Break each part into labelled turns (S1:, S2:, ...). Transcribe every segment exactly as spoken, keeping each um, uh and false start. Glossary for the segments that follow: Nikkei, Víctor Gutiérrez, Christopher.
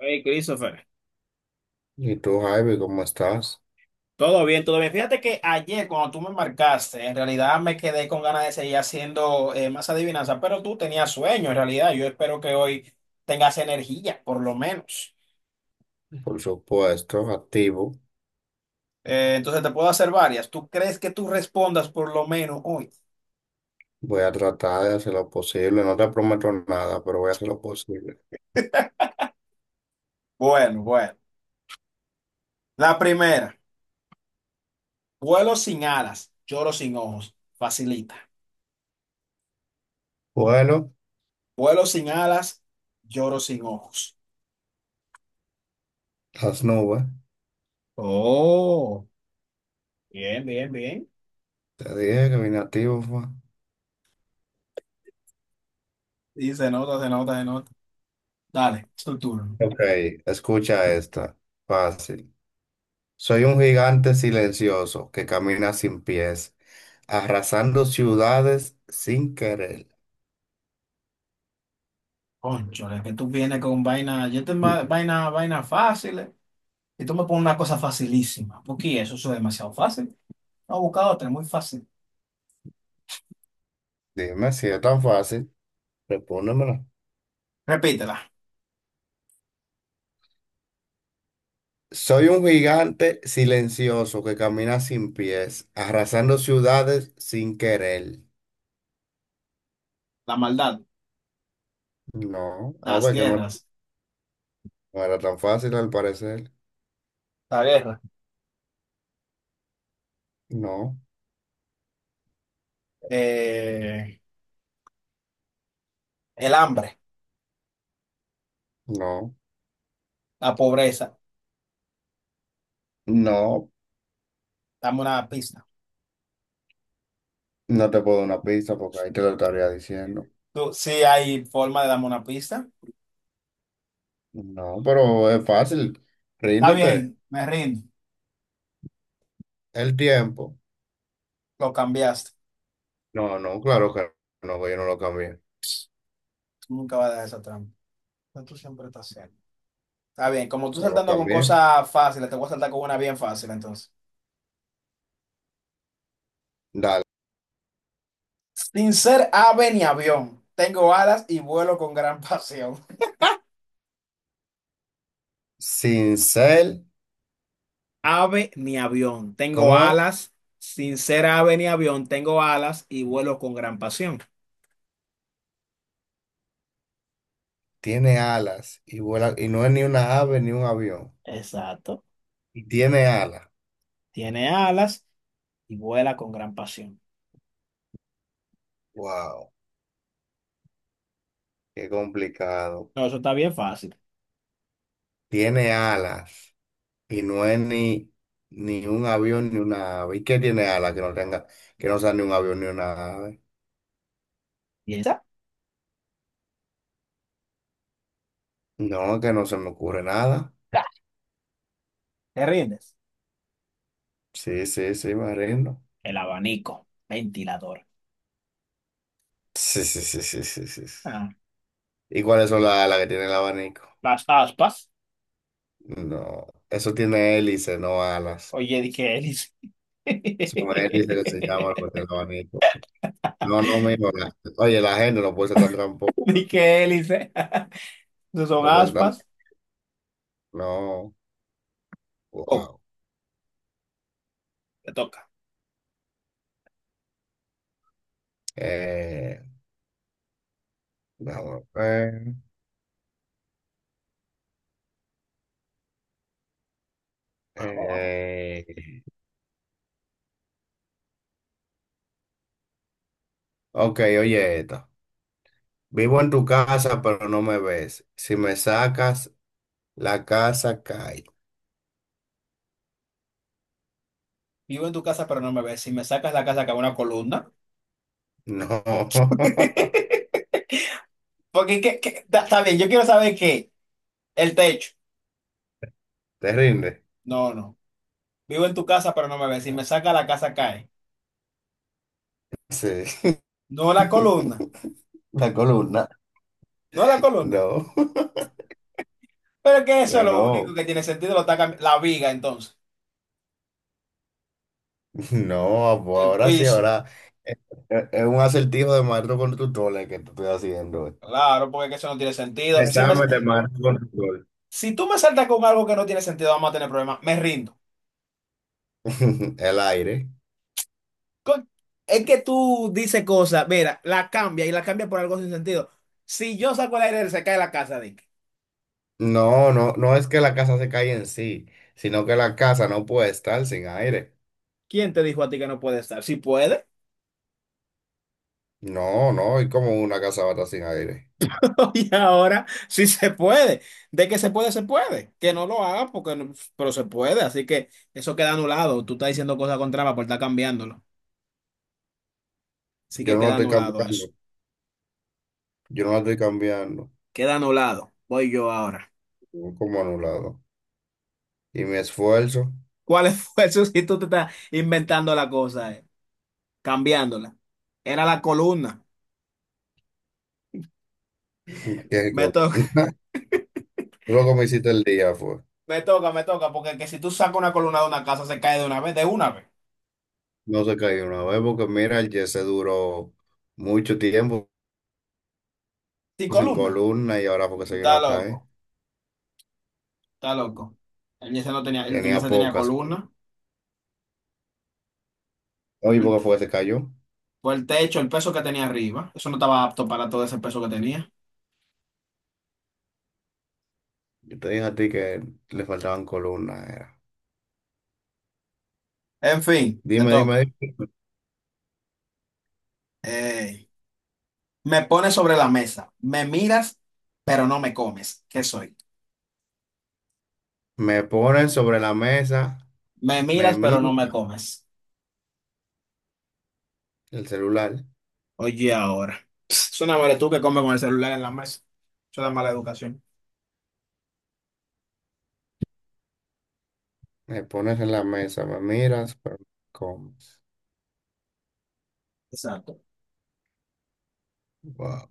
S1: Hey, Christopher,
S2: ¿Y tú, Javi, cómo estás?
S1: todo bien, todo bien. Fíjate que ayer cuando tú me marcaste, en realidad me quedé con ganas de seguir haciendo eh, más adivinanzas, pero tú tenías sueño en realidad. Yo espero que hoy tengas energía, por lo menos.
S2: Por supuesto, activo.
S1: Eh, entonces te puedo hacer varias. ¿Tú crees que tú respondas por lo menos hoy?
S2: Voy a tratar de hacer lo posible. No te prometo nada, pero voy a hacer lo posible.
S1: Bueno, bueno. La primera, vuelo sin alas, lloro sin ojos. Facilita.
S2: Bueno,
S1: Vuelo sin alas, lloro sin ojos.
S2: las nubes.
S1: Oh, bien, bien, bien.
S2: Te dije que vine activo, fue.
S1: Sí, se nota, se nota, se nota. Dale, es tu turno.
S2: Ok, escucha esta. Fácil. Soy un gigante silencioso que camina sin pies, arrasando ciudades sin querer.
S1: Cónchale, que tú vienes con vaina, yo te ma- vaina, vaina fáciles y tú me pones una cosa facilísima. Porque eso, eso es demasiado fácil. No, busca otra, muy fácil.
S2: Dime si es tan fácil. Respóndemela.
S1: Repítela.
S2: Soy un gigante silencioso que camina sin pies, arrasando ciudades sin querer.
S1: La maldad,
S2: No, a
S1: las
S2: ver, que no,
S1: guerras,
S2: no era tan fácil al parecer.
S1: la guerra,
S2: No,
S1: eh, el hambre,
S2: no,
S1: la pobreza.
S2: no,
S1: Dame una pista.
S2: no te puedo dar una pista porque ahí te lo estaría diciendo.
S1: Tú, sí hay forma de darme una pista.
S2: No, pero es fácil.
S1: Está
S2: Ríndete.
S1: bien, me rindo.
S2: El tiempo.
S1: Lo cambiaste.
S2: No, no, claro que no, que yo no lo cambié.
S1: Tú nunca vas a dejar esa trampa. Pero tú siempre estás haciendo. Está bien, como tú
S2: No lo
S1: saltando con
S2: cambié.
S1: cosas fáciles, te voy a saltar con una bien fácil entonces.
S2: Dale.
S1: Sin ser ave ni avión, tengo alas y vuelo con gran pasión.
S2: Sin ser,
S1: Ave ni avión, tengo
S2: ¿cómo es?
S1: alas. Sin ser ave ni avión, tengo alas y vuelo con gran pasión.
S2: Tiene alas y vuela, y no es ni una ave ni un avión.
S1: Exacto.
S2: Y tiene alas.
S1: Tiene alas y vuela con gran pasión.
S2: Wow, qué complicado.
S1: No, eso está bien fácil.
S2: Tiene alas y no es ni, ni un avión ni una ave. ¿Y qué tiene alas que no tenga, que no sea ni un avión ni una ave?
S1: ¿Y esa?
S2: No, que no se me ocurre nada.
S1: Ah, ¿te rindes?
S2: Sí, sí, sí, me rindo.
S1: El abanico, ventilador.
S2: Sí, sí, sí, sí, sí, sí, sí.
S1: Ah,
S2: ¿Y cuáles son las alas que tiene el abanico?
S1: las aspas.
S2: No, eso tiene hélice, no alas.
S1: Oye, di que hélice.
S2: Son hélices que se llama lo que tiene el abanico. No, no, mira, oye, la gente no puede ser tan tramposa,
S1: Di que hélice. No son
S2: no puede ser
S1: aspas.
S2: tan... No,
S1: Oh,
S2: wow.
S1: te toca.
S2: Eh, vamos a ver.
S1: Vamos, vamos.
S2: Eh, ok, oye esto. Vivo en tu casa, pero no me ves. Si me sacas, la casa cae.
S1: Vivo en tu casa, pero no me ves. Si me sacas la casa, cago en una columna.
S2: No.
S1: Porque, ¿qué, qué? Está está bien, yo quiero saber qué. El techo.
S2: ¿Te rinde?
S1: No, no. Vivo en tu casa, pero no me ves. Si me sacas la casa, cae.
S2: Sí.
S1: No la columna.
S2: La columna.
S1: No la columna.
S2: No.
S1: Pero que eso es
S2: Que
S1: lo único
S2: no.
S1: que tiene sentido. Lo está cambi- la viga, entonces.
S2: No, pues
S1: El
S2: ahora sí,
S1: piso.
S2: ahora. Es es es un acertijo de maestro con tutor el que te estoy haciendo.
S1: Claro, porque que eso no tiene sentido. Si, me,
S2: Examen de maestro con tutor.
S1: si tú me saltas con algo que no tiene sentido, vamos a tener problemas. Me rindo.
S2: El aire.
S1: Con- es que tú dices cosas, mira, la cambia y la cambia por algo sin sentido. Si yo saco el aire, se cae la casa, Dick.
S2: No, no, no es que la casa se caiga en sí, sino que la casa no puede estar sin aire.
S1: ¿Quién te dijo a ti que no puede estar? Si puede,
S2: No, no, y como una casa va a estar sin aire.
S1: y ahora sí se puede. De que se puede, se puede. Que no lo haga, porque no- Pero se puede. Así que eso queda anulado. Tú estás diciendo cosas contrarias por estar cambiándolo. Así que
S2: Yo no la
S1: queda
S2: estoy
S1: anulado eso.
S2: cambiando, yo no la estoy cambiando,
S1: Queda anulado. Voy yo ahora.
S2: estoy como anulado. Y mi esfuerzo,
S1: ¿Cuál fue eso si tú te estás inventando la cosa, eh? ¿Cambiándola? Era la columna.
S2: qué
S1: Me
S2: cosa.
S1: toca,
S2: lo que me hiciste el día fue,
S1: me toca, me toca, porque que si tú sacas una columna de una casa, se cae de una vez, de una vez.
S2: no se cayó una vez, porque mira, el se duró mucho tiempo
S1: Sin
S2: sin
S1: columna.
S2: columna y ahora porque
S1: Tú
S2: se vino a
S1: estás
S2: caer.
S1: loco. Está loco. El Yesa no tenía, el
S2: Tenía
S1: Yesa tenía
S2: pocas.
S1: columna.
S2: Oye,
S1: El
S2: ¿porque
S1: te-
S2: fue que se cayó?
S1: por el techo, el peso que tenía arriba. Eso no estaba apto para todo ese peso que tenía.
S2: Yo te dije a ti que le faltaban columnas, era.
S1: En fin, me
S2: Dime, dime,
S1: toca.
S2: dime.
S1: Eh, Me pones sobre la mesa. Me miras, pero no me comes. ¿Qué soy?
S2: Me ponen sobre la mesa,
S1: Me
S2: me
S1: miras, pero
S2: miras
S1: no me comes.
S2: el celular,
S1: Oye, ahora. Pss, suena madre tú que comes con el celular en la mesa. Eso da mala educación.
S2: me pones en la mesa, me miras, pero me comes.
S1: Exacto.
S2: Wow,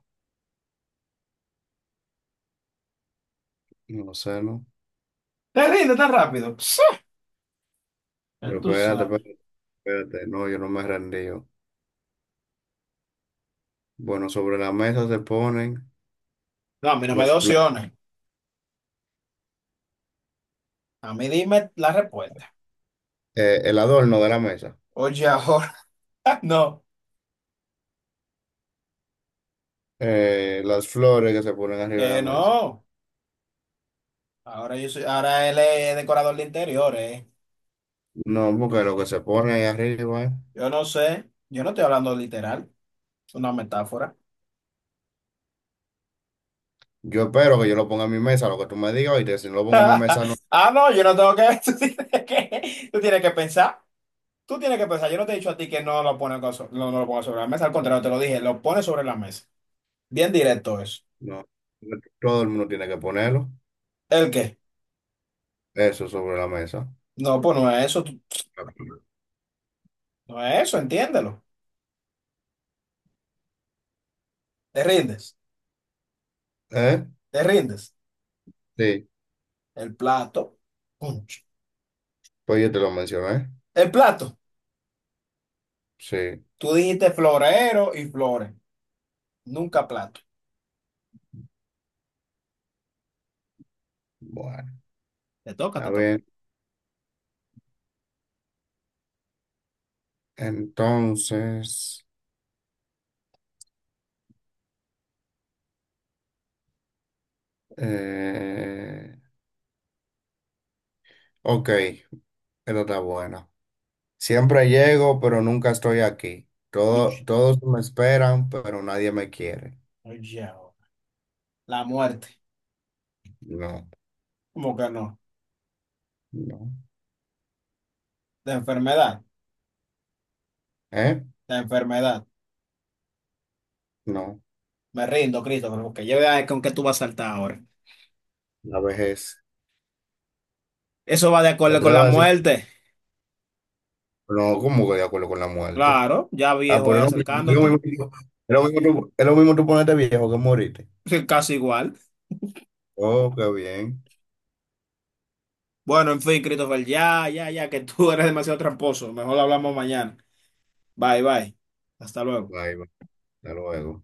S2: no sé, ¿no?
S1: Te rinde tan rápido. Pss, ya
S2: Pero
S1: tú
S2: espérate,
S1: sabes.
S2: espérate, espérate, no, yo no me rendí. Bueno, sobre la mesa se ponen
S1: No, a mí no me
S2: los
S1: da
S2: pla-
S1: opciones. A mí dime la respuesta.
S2: eh, el adorno de la mesa,
S1: Oye, ahora. No.
S2: eh, las flores que se ponen arriba
S1: Que
S2: de la mesa.
S1: no, ahora yo soy, ahora él es decorador de interiores.
S2: No, porque lo que se pone ahí arriba, eh,
S1: Yo no sé, yo no estoy hablando literal, es una metáfora.
S2: yo espero que yo lo ponga en mi mesa, lo que tú me digas, y si no lo pongo en mi mesa, no,
S1: Ah, no, yo no tengo que, tú tienes que, tú tienes que pensar, tú tienes que pensar. Yo no te he dicho a ti que no lo pones con so- no, no lo pongas sobre la mesa, al contrario, te lo dije, lo pones sobre la mesa. Bien directo eso.
S2: no, todo el mundo tiene que ponerlo,
S1: ¿El qué?
S2: eso sobre la mesa.
S1: No, pues no es eso, tú- no es eso, entiéndelo. Te rindes,
S2: ¿Eh?
S1: te rindes.
S2: Sí,
S1: El plato, punch.
S2: pues yo te lo mencioné.
S1: El plato,
S2: Sí,
S1: tú dijiste florero y flores, nunca plato.
S2: bueno.
S1: Te toca,
S2: A
S1: te toca.
S2: ver, entonces, eh, ok, esto está bueno. Siempre llego, pero nunca estoy aquí. Todo,
S1: Uch,
S2: todos me esperan, pero nadie me quiere.
S1: oye, oh. La muerte.
S2: No,
S1: ¿Cómo que no?
S2: no.
S1: La enfermedad.
S2: ¿Eh?
S1: La enfermedad.
S2: No.
S1: Me rindo, Cristo, porque yo vea con qué tú vas a saltar ahora.
S2: La vejez.
S1: Eso va de
S2: ¿Te
S1: acuerdo con
S2: atreves
S1: la
S2: a decir?
S1: muerte.
S2: No, como que de acuerdo con la muerte?
S1: Claro, ya
S2: Ah,
S1: viejo
S2: pero
S1: ahí
S2: es lo mismo, es lo
S1: acercándote.
S2: mismo, es lo mismo tú- es lo mismo tú ponerte viejo que morirte.
S1: Casi igual.
S2: Oh, qué bien.
S1: Bueno, en fin, Christopher, ya, ya, ya, que tú eres demasiado tramposo. Mejor hablamos mañana. Bye, bye. Hasta luego.
S2: Bye, bye. Hasta luego.